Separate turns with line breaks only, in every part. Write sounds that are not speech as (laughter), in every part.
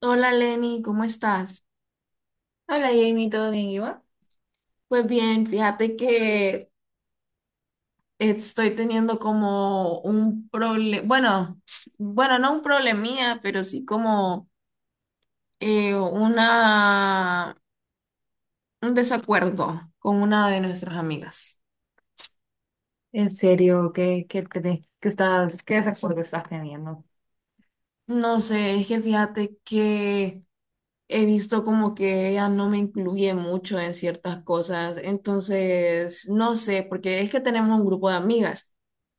Hola Lenny, ¿cómo estás?
Hola Jamie, ¿todo bien, Iván?
Pues bien, fíjate que estoy teniendo como un problema, bueno, no un problemía, pero sí como eh, una, un desacuerdo con una de nuestras amigas.
En serio, crees qué estás, qué desacuerdo estás teniendo?
No sé, es que fíjate que he visto como que ella no me incluye mucho en ciertas cosas, entonces, no sé, porque es que tenemos un grupo de amigas.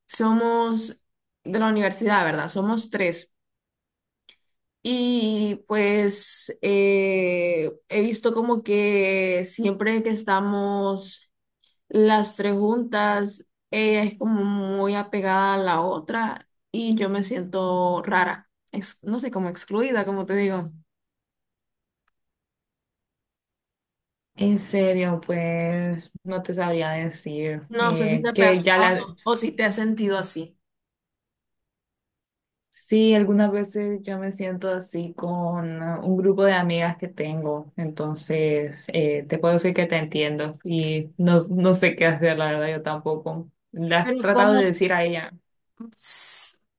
Somos de la universidad, ¿verdad? Somos tres. Y pues he visto como que siempre que estamos las tres juntas, ella es como muy apegada a la otra y yo me siento rara, no sé, como excluida, como te digo.
En serio, pues no te sabría decir
No sé si te ha
que ya la,
pasado o si te has sentido así.
sí, algunas veces yo me siento así con un grupo de amigas que tengo, entonces te puedo decir que te entiendo y no, no sé qué hacer, la verdad, yo tampoco. ¿Le has
Pero
tratado de
¿cómo?
decir a ella?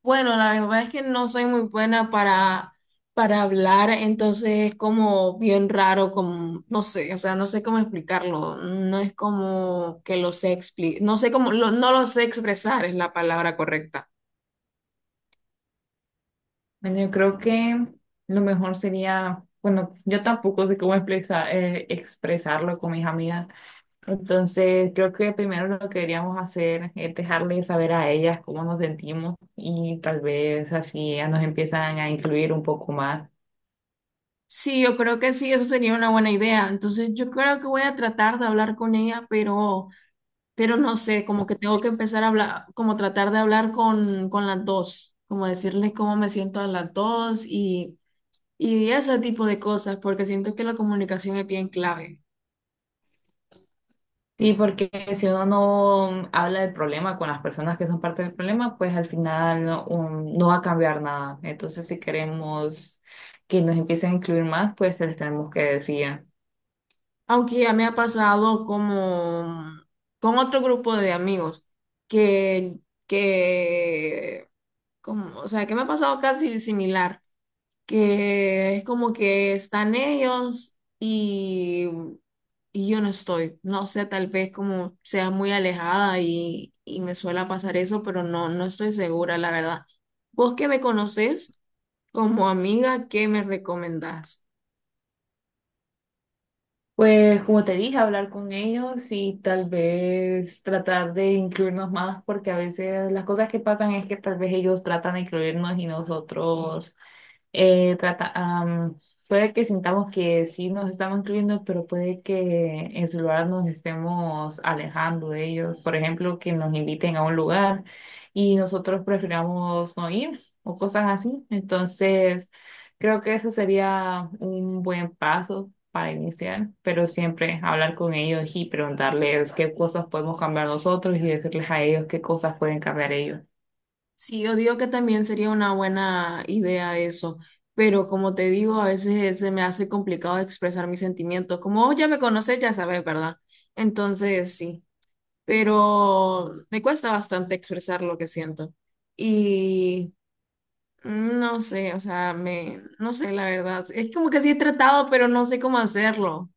Bueno, la verdad es que no soy muy buena para hablar, entonces es como bien raro, como, no sé, o sea, no sé cómo explicarlo, no es como que lo sé explicar, no sé cómo, no lo sé expresar es la palabra correcta.
Bueno, yo creo que lo mejor sería, bueno, yo tampoco sé cómo expresarlo con mis amigas, entonces creo que primero lo que deberíamos hacer es dejarles saber a ellas cómo nos sentimos y tal vez así ellas nos empiezan a incluir un poco más.
Sí, yo creo que sí, eso sería una buena idea, entonces yo creo que voy a tratar de hablar con ella, pero no sé, como que tengo que empezar a hablar, como tratar de hablar con las dos, como decirles cómo me siento a las dos y... Y ese tipo de cosas, porque siento que la comunicación es bien clave.
Sí, porque si uno no habla del problema con las personas que son parte del problema, pues al final no, no va a cambiar nada. Entonces, si queremos que nos empiecen a incluir más, pues se les tenemos que decir.
Aunque ya me ha pasado como con otro grupo de amigos que, que como, o sea, que me ha pasado casi similar, que es como que están ellos y yo no estoy. No sé, tal vez como sea muy alejada y me suele pasar eso, pero no estoy segura, la verdad. ¿Vos que me conoces? Como amiga, ¿qué me recomendás?
Pues como te dije, hablar con ellos y tal vez tratar de incluirnos más, porque a veces las cosas que pasan es que tal vez ellos tratan de incluirnos y nosotros eh, trata, am, puede que sintamos que sí nos estamos incluyendo, pero puede que en su lugar nos estemos alejando de ellos. Por ejemplo, que nos inviten a un lugar y nosotros prefiramos no ir o cosas así. Entonces, creo que eso sería un buen paso para iniciar, pero siempre hablar con ellos y preguntarles qué cosas podemos cambiar nosotros y decirles a ellos qué cosas pueden cambiar ellos.
Sí, yo digo que también sería una buena idea eso, pero como te digo, a veces se me hace complicado expresar mis sentimientos. Como vos ya me conoces, ya sabes, ¿verdad? Entonces, sí, pero me cuesta bastante expresar lo que siento. Y no sé, o sea, no sé, la verdad. Es como que sí he tratado, pero no sé cómo hacerlo.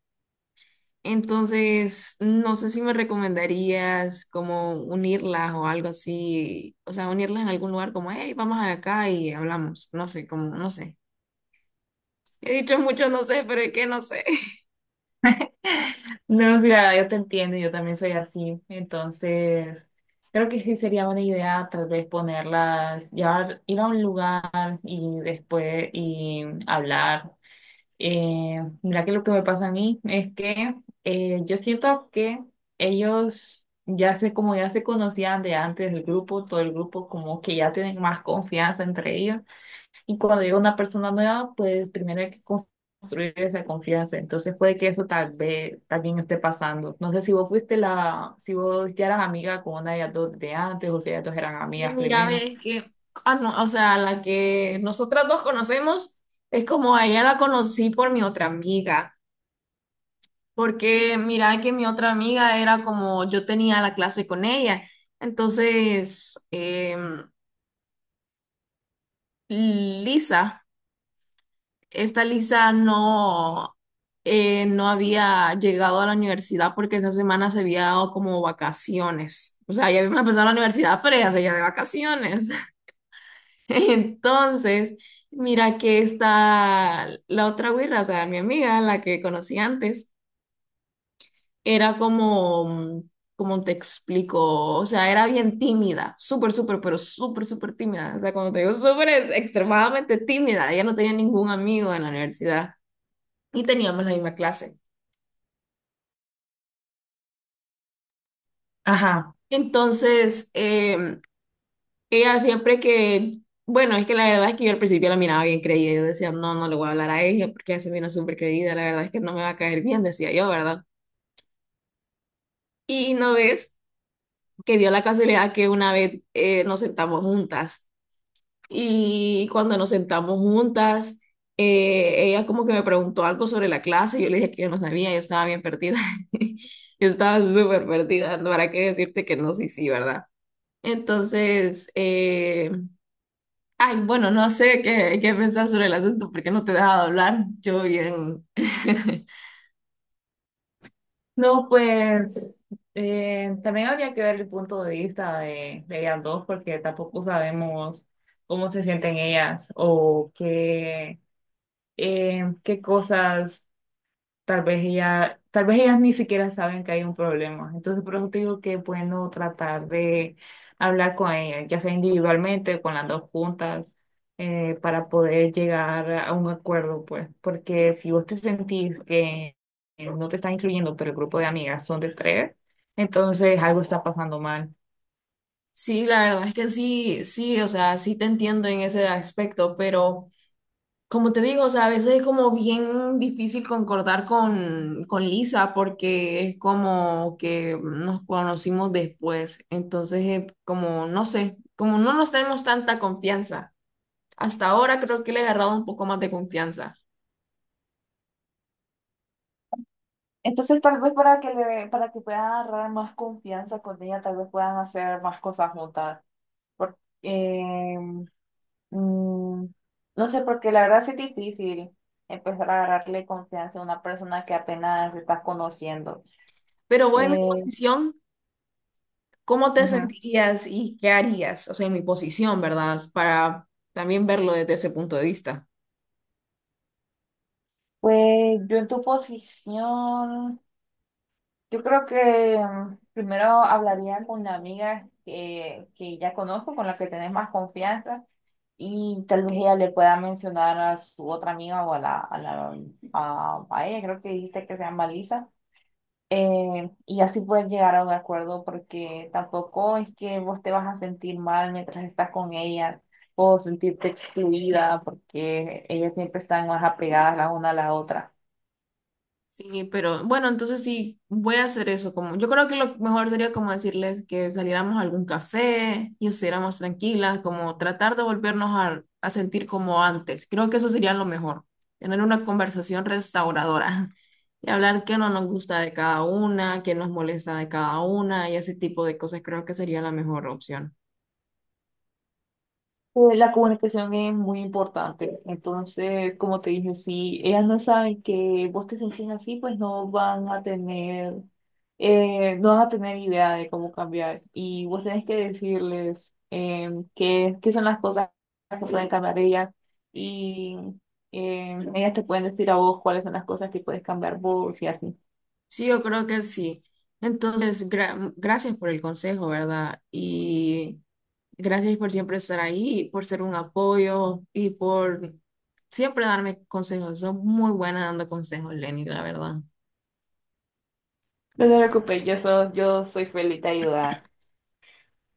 Entonces, no sé si me recomendarías como unirlas o algo así, o sea, unirlas en algún lugar como, hey, vamos acá y hablamos, no sé, como, no sé. He dicho mucho, no sé, pero es que no sé. (laughs)
No, sí, la verdad, yo te entiendo, yo también soy así. Entonces, creo que sí sería buena idea tal vez ponerlas, llevar, ir a un lugar y después y hablar. Mira que lo que me pasa a mí es que yo siento que ellos ya sé, como ya se conocían de antes del grupo, todo el grupo como que ya tienen más confianza entre ellos. Y cuando llega una persona nueva, pues primero hay que construir esa confianza. Entonces puede que eso tal vez también esté pasando. No sé si vos fuiste la, si vos ya eras amiga con una de las dos de antes o si ellas dos eran
Y
amigas
mira,
primero.
ves que, ah, no, o sea, la que nosotras dos conocemos es como a ella la conocí por mi otra amiga, porque mira que mi otra amiga era como, yo tenía la clase con ella, entonces, Lisa. Esta Lisa no, no había llegado a la universidad porque esa semana se había dado como vacaciones. O sea, ya habíamos empezado la universidad, pero ella seguía de vacaciones. (laughs) Entonces, mira que esta, la otra güira, o sea, mi amiga, la que conocí antes, era como, como te explico, o sea, era bien tímida, súper, súper, pero súper, súper tímida. O sea, cuando te digo súper, es extremadamente tímida. Ella no tenía ningún amigo en la universidad y teníamos la misma clase.
Ajá.
Entonces, ella siempre que, bueno, es que la verdad es que yo al principio la miraba bien creída, yo decía, no, no le voy a hablar a ella porque ella se mira súper creída, la verdad es que no me va a caer bien, decía yo, ¿verdad? Y no ves que dio la casualidad que una vez nos sentamos juntas y cuando nos sentamos juntas, ella como que me preguntó algo sobre la clase y yo le dije que yo no sabía, yo estaba bien perdida, (laughs) yo estaba súper perdida, ¿para qué decirte que no, sí, sí, ¿verdad? Entonces, ay, bueno, no sé qué, qué pensar sobre el asunto porque no te he dejado hablar. Yo bien. (laughs)
No, pues también habría que ver el punto de vista de ellas dos porque tampoco sabemos cómo se sienten ellas o qué, qué cosas tal vez ella, tal vez ellas ni siquiera saben que hay un problema. Entonces, por eso te digo que es bueno tratar de hablar con ellas, ya sea individualmente, con las dos juntas, para poder llegar a un acuerdo, pues, porque si vos te sentís que no te están incluyendo, pero el grupo de amigas son de tres, entonces algo está pasando mal.
Sí, la verdad es que sí, sí, o sea, sí te entiendo en ese aspecto, pero como te digo, o sea, a veces es como bien difícil concordar con Lisa porque es como que nos conocimos después, entonces como, no sé, como no nos tenemos tanta confianza. Hasta ahora creo que le he agarrado un poco más de confianza.
Entonces, tal vez para que le, para que puedan agarrar más confianza con ella, tal vez puedan hacer más cosas juntas. Porque, Mm, no sé, porque la verdad sí es difícil empezar a agarrarle confianza a una persona que apenas estás conociendo.
Pero voy en mi
Eh,
posición ¿Cómo te
ujú.
sentirías y qué harías? O sea, en mi posición, ¿verdad? Para también verlo desde ese punto de vista.
Pues yo en tu posición, yo creo que primero hablaría con una amiga que ya conozco, con la que tenés más confianza, y tal vez ella le pueda mencionar a su otra amiga o a la, a la, a ella, creo que dijiste que se llama Lisa, y así poder llegar a un acuerdo, porque tampoco es que vos te vas a sentir mal mientras estás con ella o sentirte excluida, porque ellas siempre están más apegadas la una a la otra.
Sí, pero bueno, entonces sí, voy a hacer eso. Como, yo creo que lo mejor sería como decirles que saliéramos a algún café y estuviéramos tranquilas, como tratar de volvernos a sentir como antes. Creo que eso sería lo mejor, tener una conversación restauradora (laughs) y hablar qué no nos gusta de cada una, qué nos molesta de cada una y ese tipo de cosas creo que sería la mejor opción.
La comunicación es muy importante. Entonces, como te dije, si ellas no saben que vos te sentís así, pues no van a tener, no van a tener idea de cómo cambiar. Y vos tenés que decirles qué, qué son las cosas que pueden cambiar ellas. Y ellas te pueden decir a vos cuáles son las cosas que puedes cambiar vos y así.
Sí, yo creo que sí. Entonces, gracias por el consejo, ¿verdad? Y gracias por siempre estar ahí, por ser un apoyo y por siempre darme consejos. Son muy buena dando consejos, Lenny, la verdad. (laughs)
No te preocupes, yo, yo soy feliz de ayudar.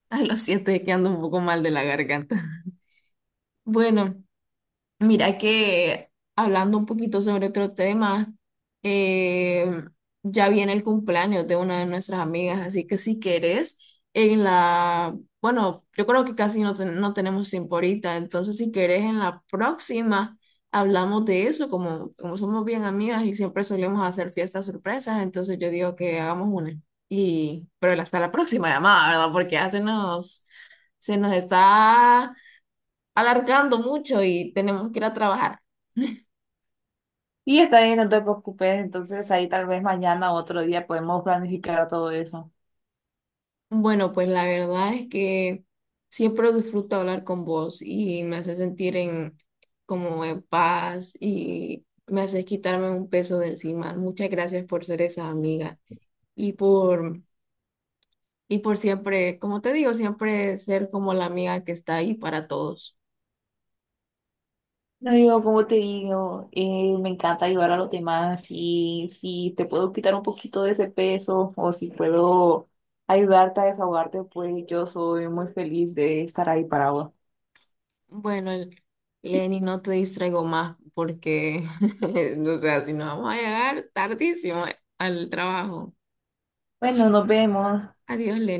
Ay, lo siento, es que ando un poco mal de la garganta. (laughs) Bueno. Mira que hablando un poquito sobre otro tema, eh, ya viene el cumpleaños de una de nuestras amigas, así que si querés, en la, bueno, yo creo que casi no, no tenemos tiempo ahorita, entonces si querés en la próxima hablamos de eso, como, como somos bien amigas y siempre solemos hacer fiestas sorpresas, entonces yo digo que hagamos una. Y, pero hasta la próxima llamada, ¿verdad? Porque ya se nos está alargando mucho y tenemos que ir a trabajar.
Y está bien, no te preocupes. Entonces ahí tal vez mañana o otro día podemos planificar todo eso.
Bueno, pues la verdad es que siempre disfruto hablar con vos y me hace sentir en como en paz y me hace quitarme un peso de encima. Muchas gracias por ser esa amiga y por y por siempre, como te digo, siempre ser como la amiga que está ahí para todos.
No, yo como te digo, me encanta ayudar a los demás y si te puedo quitar un poquito de ese peso o si puedo ayudarte a desahogarte, pues yo soy muy feliz de estar ahí para vos.
Bueno, Lenny, no te distraigo más porque, (laughs) o sea, si no vamos a llegar tardísimo al trabajo.
Bueno, nos vemos.
Adiós, Lenny.